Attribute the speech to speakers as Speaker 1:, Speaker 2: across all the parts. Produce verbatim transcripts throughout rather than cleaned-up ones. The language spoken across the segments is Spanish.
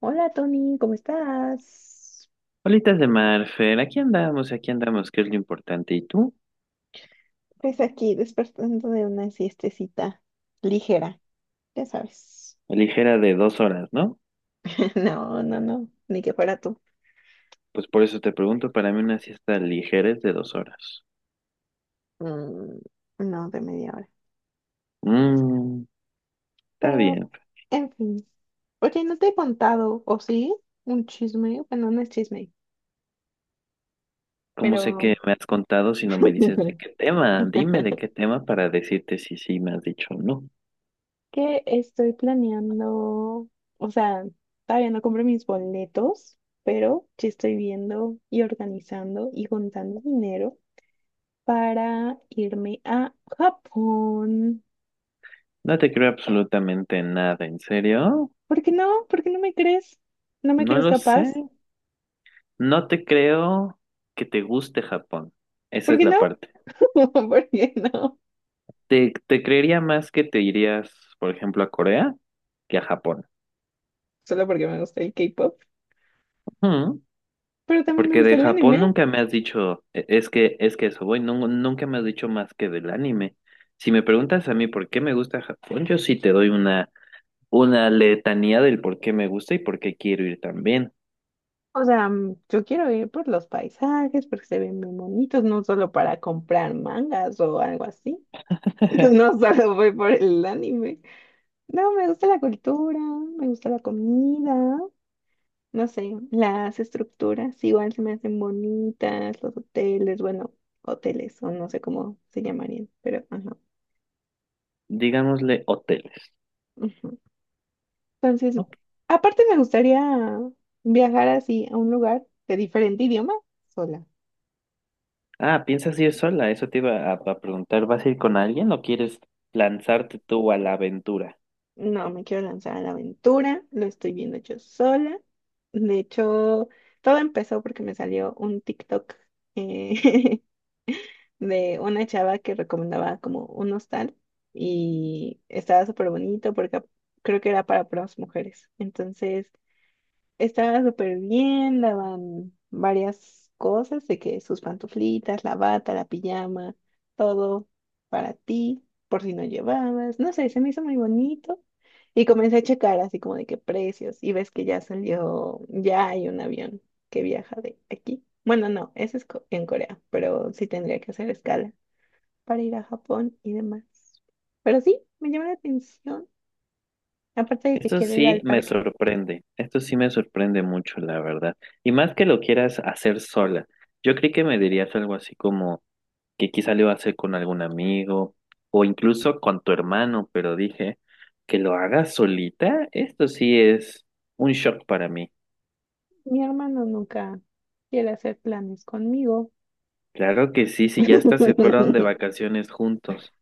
Speaker 1: Hola Tony, ¿cómo estás?
Speaker 2: Bolitas de mar, Fer, aquí andamos, aquí andamos, que es lo importante. ¿Y tú?
Speaker 1: Pues aquí despertando de una siestecita ligera, ya sabes.
Speaker 2: Ligera de dos horas, ¿no?
Speaker 1: No, no, no, ni que fuera tú.
Speaker 2: Pues por eso te pregunto, para mí una siesta ligera es de dos horas.
Speaker 1: Mm, no de media hora.
Speaker 2: Mmm, está
Speaker 1: Pero,
Speaker 2: bien.
Speaker 1: en fin. Oye, no te he contado, ¿o sí? Un chisme. Bueno, no es chisme,
Speaker 2: ¿Cómo sé que
Speaker 1: pero
Speaker 2: me has contado si no me dices de qué tema? Dime de qué tema para decirte si sí me has dicho o no.
Speaker 1: que estoy planeando. O sea, todavía no compré mis boletos, pero ya estoy viendo y organizando y juntando dinero para irme a Japón.
Speaker 2: No te creo absolutamente nada, ¿en serio?
Speaker 1: ¿Por qué no? ¿Por qué no me crees? ¿No me
Speaker 2: No
Speaker 1: crees
Speaker 2: lo
Speaker 1: capaz?
Speaker 2: sé. No te creo que te guste Japón. Esa
Speaker 1: ¿Por
Speaker 2: es
Speaker 1: qué
Speaker 2: la
Speaker 1: no?
Speaker 2: parte.
Speaker 1: ¿Por qué no?
Speaker 2: Te, te creería más que te irías, por ejemplo, a Corea que a Japón.
Speaker 1: Solo porque me gusta el K-pop,
Speaker 2: Ujú.
Speaker 1: pero también me
Speaker 2: Porque
Speaker 1: gusta
Speaker 2: de
Speaker 1: el
Speaker 2: Japón
Speaker 1: anime.
Speaker 2: nunca me has dicho, e- es que, es que eso voy, nun- nunca me has dicho más que del anime. Si me preguntas a mí por qué me gusta Japón, yo sí te doy una, una letanía del por qué me gusta y por qué quiero ir también.
Speaker 1: O sea, mm, yo quiero ir por los paisajes, porque se ven muy bonitos, no solo para comprar mangas o algo así. No solo voy por el anime. No, me gusta la cultura, me gusta la comida. No sé, las estructuras igual se me hacen bonitas, los hoteles, bueno, hoteles o no sé cómo se llamarían, pero ajá.
Speaker 2: Digámosle hoteles.
Speaker 1: Ujú. Entonces,
Speaker 2: Ok.
Speaker 1: aparte me gustaría viajar así a un lugar de diferente idioma sola.
Speaker 2: Ah, ¿piensas ir sola? Eso te iba a, a preguntar. ¿Vas a ir con alguien o quieres lanzarte tú a la aventura?
Speaker 1: No me quiero lanzar a la aventura, lo estoy viendo yo sola. De hecho, todo empezó porque me salió un TikTok. eh, de una chava que recomendaba como un hostal y estaba súper bonito porque creo que era para puras mujeres. Entonces estaba súper bien, daban varias cosas de que sus pantuflitas, la bata, la pijama, todo para ti, por si no llevabas. No sé, se me hizo muy bonito. Y comencé a checar así como de qué precios y ves que ya salió, ya hay un avión que viaja de aquí. Bueno, no, ese es co- en Corea, pero sí tendría que hacer escala para ir a Japón y demás. Pero sí, me llama la atención, aparte de que
Speaker 2: Esto
Speaker 1: quiero ir
Speaker 2: sí
Speaker 1: al
Speaker 2: me
Speaker 1: parque.
Speaker 2: sorprende, esto sí me sorprende mucho, la verdad. Y más que lo quieras hacer sola. Yo creí que me dirías algo así como que quizá lo iba a hacer con algún amigo o incluso con tu hermano, pero dije que lo hagas solita, esto sí es un shock para mí.
Speaker 1: Mi hermano nunca quiere hacer planes conmigo.
Speaker 2: Claro que sí, si ya hasta se fueron de vacaciones juntos,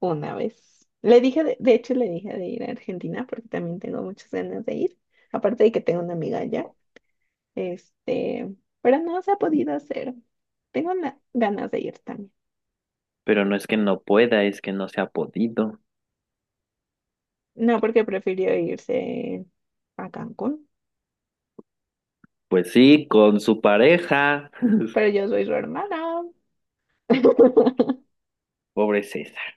Speaker 1: Una vez. Le dije, de, de hecho, le dije de ir a Argentina porque también tengo muchas ganas de ir. Aparte de que tengo una amiga allá. Este, pero no se ha podido hacer. Tengo na- ganas de ir también.
Speaker 2: pero no es que no pueda, es que no se ha podido.
Speaker 1: No, porque prefirió irse a Cancún.
Speaker 2: Pues sí, con su pareja,
Speaker 1: Pero yo soy su hermana.
Speaker 2: pobre César.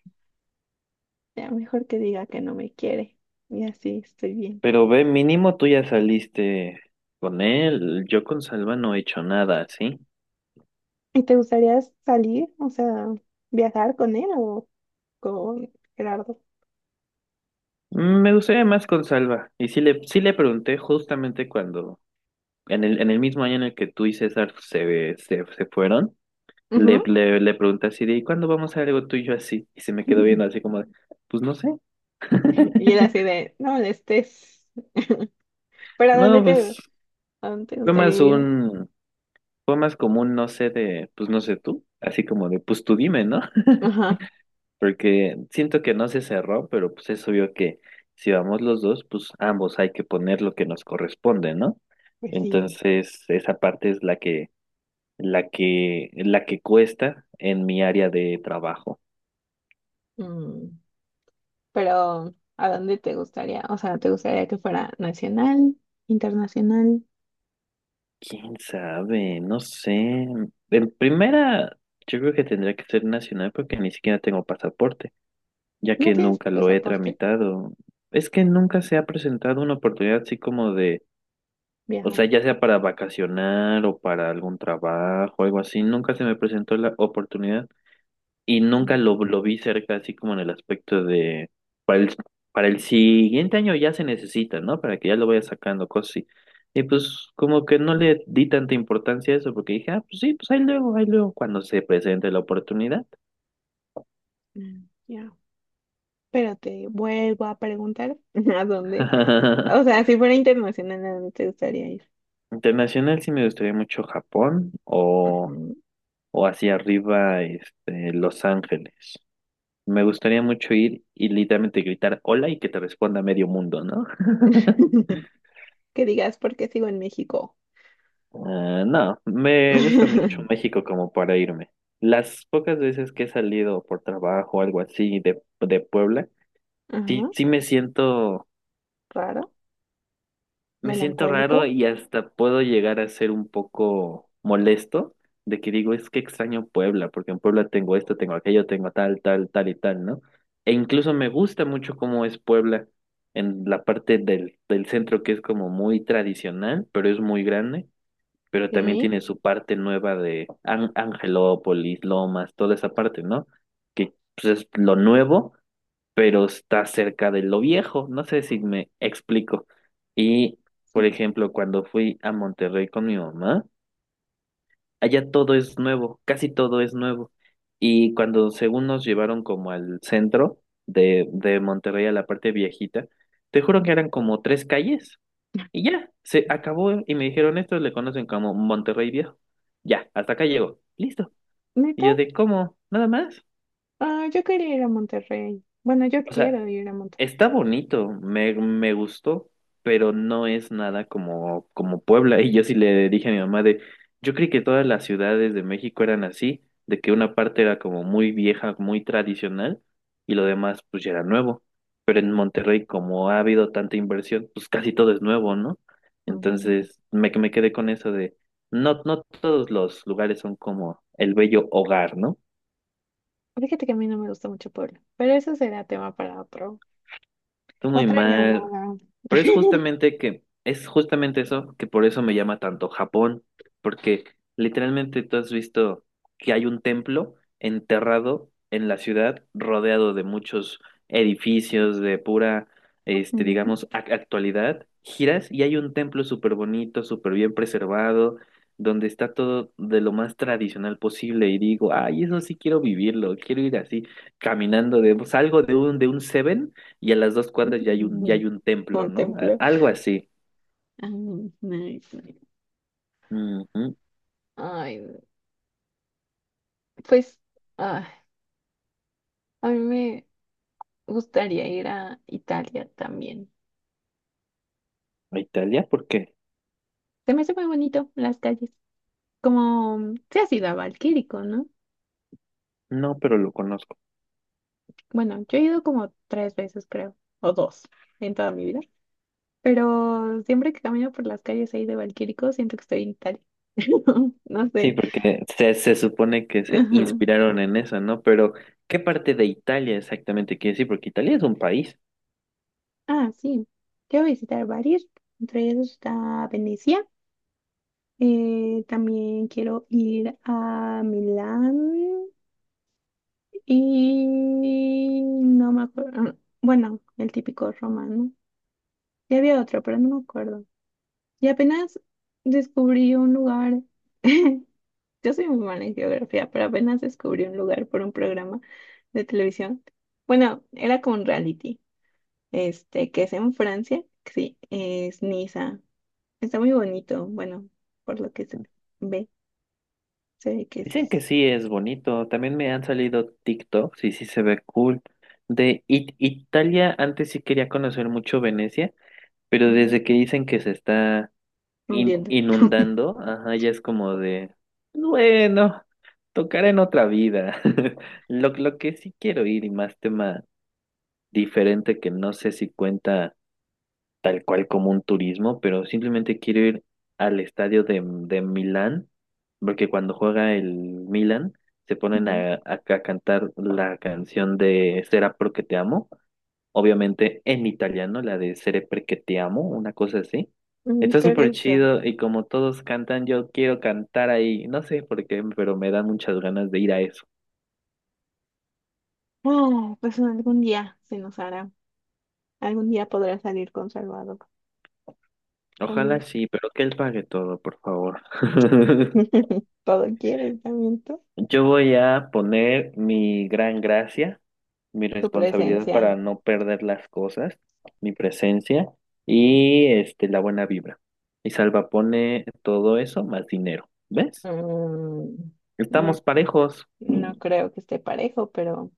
Speaker 1: Ya mejor que diga que no me quiere. Y así estoy bien.
Speaker 2: Pero ve, mínimo tú ya saliste con él. Yo con Salva no he hecho nada, ¿sí?
Speaker 1: ¿Y te gustaría salir, o sea, viajar con él o con Gerardo?
Speaker 2: Mm, Me gustaría más con Salva. Y sí le, sí le pregunté justamente cuando, en el, en el mismo año en el que tú y César se, se, se fueron, le,
Speaker 1: Ujú.
Speaker 2: le, le pregunté así de, ¿y cuándo vamos a hacer algo tú y yo así? Y se me quedó viendo así como de, pues no sé.
Speaker 1: Y él así de, no molestes. ¿Pero a dónde
Speaker 2: No,
Speaker 1: te,
Speaker 2: pues
Speaker 1: a dónde te
Speaker 2: fue más
Speaker 1: gustaría ir?
Speaker 2: un, fue más común, no sé, de, pues no sé tú. Así como de, pues tú dime, ¿no?
Speaker 1: Ajá,
Speaker 2: Porque siento que no se cerró, pero pues es obvio que si vamos los dos, pues ambos hay que poner lo que nos corresponde, ¿no?
Speaker 1: pues sí.
Speaker 2: Entonces, esa parte es la que, la que, la que cuesta en mi área de trabajo.
Speaker 1: Mm, Pero, ¿a dónde te gustaría? O sea, ¿te gustaría que fuera nacional, internacional?
Speaker 2: ¿Quién sabe? No sé. En primera, yo creo que tendría que ser nacional porque ni siquiera tengo pasaporte, ya
Speaker 1: ¿No
Speaker 2: que
Speaker 1: tienes
Speaker 2: nunca lo he
Speaker 1: pasaporte?
Speaker 2: tramitado. Es que nunca se ha presentado una oportunidad así como de. O sea,
Speaker 1: Viajar.
Speaker 2: ya sea para vacacionar o para algún trabajo, algo así, nunca se me presentó la oportunidad y nunca
Speaker 1: Mm,
Speaker 2: lo, lo vi cerca, así como en el aspecto de, para el, para el siguiente año ya se necesita, ¿no? Para que ya lo vaya sacando, cosas así. Y pues como que no le di tanta importancia a eso porque dije, ah, pues sí, pues ahí luego, ahí luego, cuando se presente la oportunidad.
Speaker 1: mm, Ya. Pero te vuelvo a preguntar, ¿a dónde? O sea, si fuera internacional, ¿a dónde te gustaría ir?
Speaker 2: Internacional sí me gustaría mucho Japón
Speaker 1: Ajá.
Speaker 2: o, o hacia arriba, este, Los Ángeles. Me gustaría mucho ir y literalmente gritar hola y que te responda medio mundo, ¿no?
Speaker 1: Que digas, ¿por qué sigo en México?
Speaker 2: Ah, no, me gusta mucho México como para irme. Las pocas veces que he salido por trabajo o algo así de, de, Puebla, sí,
Speaker 1: Ajá,
Speaker 2: sí me siento.
Speaker 1: raro,
Speaker 2: Me siento raro
Speaker 1: melancólico.
Speaker 2: y hasta puedo llegar a ser un poco molesto de que digo, es que extraño Puebla, porque en Puebla tengo esto, tengo aquello, tengo tal, tal, tal y tal, ¿no? E incluso me gusta mucho cómo es Puebla en la parte del, del centro que es como muy tradicional, pero es muy grande, pero también
Speaker 1: Sí,
Speaker 2: tiene su parte nueva de An- Angelópolis, Lomas, toda esa parte, ¿no? Que pues, es lo nuevo pero está cerca de lo viejo. No sé si me explico. Y, por
Speaker 1: sí.
Speaker 2: ejemplo, cuando fui a Monterrey con mi mamá, allá todo es nuevo, casi todo es nuevo. Y cuando según nos llevaron como al centro de, de Monterrey, a la parte viejita, te juro que eran como tres calles y ya, se acabó y me dijeron, estos le conocen como Monterrey Viejo. Ya, hasta acá llegó, listo. Y
Speaker 1: ¿Neta?
Speaker 2: yo de, ¿cómo? ¿Nada más?
Speaker 1: Ah, yo quería ir a Monterrey. Bueno, yo
Speaker 2: O sea,
Speaker 1: quiero ir a Monterrey.
Speaker 2: está bonito, me, me gustó, pero no es nada como, como Puebla. Y yo sí le dije a mi mamá de, yo creí que todas las ciudades de México eran así, de que una parte era como muy vieja, muy tradicional, y lo demás pues ya era nuevo. Pero en Monterrey, como ha habido tanta inversión, pues casi todo es nuevo, ¿no?
Speaker 1: Mm,
Speaker 2: Entonces me, me quedé con eso de, no, no todos los lugares son como el bello hogar, ¿no?
Speaker 1: fíjate que a mí no me gusta mucho Puebla, pero eso será tema para otro.
Speaker 2: Tú muy
Speaker 1: Otra
Speaker 2: mal.
Speaker 1: llamada.
Speaker 2: Pero es justamente que, es justamente eso que por eso me llama tanto Japón, porque literalmente tú has visto que hay un templo enterrado en la ciudad, rodeado de muchos edificios de pura, este,
Speaker 1: Mm.
Speaker 2: digamos, ac- actualidad. Giras y hay un templo súper bonito, súper bien preservado, donde está todo de lo más tradicional posible. Y digo, ay, eso sí quiero vivirlo, quiero ir así, caminando de, salgo de un, de un Seven y a las dos cuadras ya hay un, ya hay un templo, ¿no? A-
Speaker 1: Contemplo.
Speaker 2: Algo así.
Speaker 1: Ay, nice, nice.
Speaker 2: Ujú.
Speaker 1: Ay, pues, ah, a mí me gustaría ir a Italia también.
Speaker 2: ¿A Italia? ¿Por qué?
Speaker 1: Se me hace muy bonito las calles. Como mm, se ha sido a Valquírico, ¿no?
Speaker 2: No, pero lo conozco.
Speaker 1: Bueno, yo he ido como tres veces, creo, o dos en toda mi vida. Pero siempre que camino por las calles ahí de Valquírico, siento que estoy en Italia. No
Speaker 2: Sí,
Speaker 1: sé.
Speaker 2: porque se, se supone que se
Speaker 1: Ajá.
Speaker 2: inspiraron en eso, ¿no? Pero, ¿qué parte de Italia exactamente quiere decir? Porque Italia es un país.
Speaker 1: Ah, sí. Quiero visitar varios. Entre ellos está Venecia. Eh, también quiero ir a Milán. Y no me acuerdo. Bueno, el típico romano. Y había otro, pero no me acuerdo. Y apenas descubrí un lugar. Yo soy muy mala en geografía, pero apenas descubrí un lugar por un programa de televisión. Bueno, era como un reality, este, que es en Francia. Que sí, es Niza. Está muy bonito. Bueno, por lo que se ve, se ve que
Speaker 2: Dicen que
Speaker 1: es
Speaker 2: sí es bonito. También me han salido TikToks y sí se ve cool. De It- Italia, antes sí quería conocer mucho Venecia, pero
Speaker 1: ujú,
Speaker 2: desde que dicen que se está in-
Speaker 1: hundiendo.
Speaker 2: inundando, ajá, ya es como de, bueno, tocará en otra vida. Lo, lo que sí quiero ir y más tema diferente que no sé si cuenta tal cual como un turismo, pero simplemente quiero ir al estadio de, de Milán, porque cuando juega el Milán se ponen
Speaker 1: Ujú.
Speaker 2: a, a a cantar la canción de Será porque te amo obviamente en italiano, la de Sere perché ti amo, una cosa así.
Speaker 1: Mm,
Speaker 2: Está
Speaker 1: creo
Speaker 2: súper
Speaker 1: que sí.
Speaker 2: chido y como todos cantan, yo quiero cantar ahí. No sé por qué, pero me dan muchas ganas de ir a eso.
Speaker 1: Ah, pues algún día se nos hará. Algún día podrás salir con Salvador
Speaker 2: Ojalá
Speaker 1: también.
Speaker 2: sí, pero que él pague todo, por favor.
Speaker 1: Todo quieres también tú.
Speaker 2: Yo voy a poner mi gran gracia, mi
Speaker 1: Tu
Speaker 2: responsabilidad para
Speaker 1: presencia.
Speaker 2: no perder las cosas, mi presencia y este, la buena vibra. Y Salva pone todo eso más dinero. ¿Ves?
Speaker 1: Mm, no,
Speaker 2: Estamos parejos.
Speaker 1: no creo que esté parejo, pero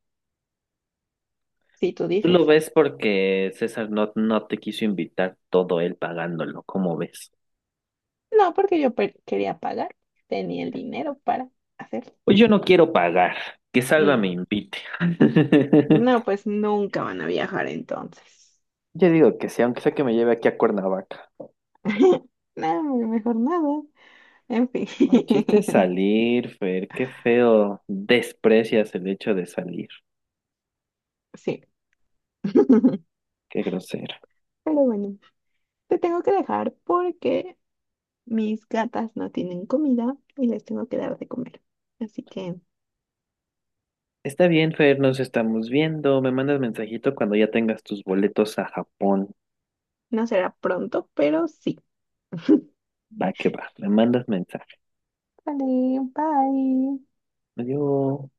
Speaker 1: si tú
Speaker 2: Tú lo
Speaker 1: dices.
Speaker 2: ves porque César no, no te quiso invitar todo él pagándolo, ¿cómo ves?
Speaker 1: No, porque yo pe- quería pagar. Tenía el dinero para hacerlo.
Speaker 2: Pues yo no quiero pagar, que Salva
Speaker 1: Mm,
Speaker 2: me invite.
Speaker 1: no, pues nunca van a viajar entonces.
Speaker 2: Yo digo que sí, aunque sea que me lleve aquí a Cuernavaca.
Speaker 1: No, mejor nada. En fin.
Speaker 2: El chiste es salir, Fer, qué feo. Desprecias el hecho de salir,
Speaker 1: Sí. Pero
Speaker 2: qué grosero.
Speaker 1: bueno, te tengo que dejar porque mis gatas no tienen comida y les tengo que dar de comer. Así que
Speaker 2: Está bien, Fer, nos estamos viendo. Me mandas mensajito cuando ya tengas tus boletos a Japón.
Speaker 1: no será pronto, pero sí.
Speaker 2: Va que va, me mandas mensaje.
Speaker 1: Vale, bye.
Speaker 2: Adiós.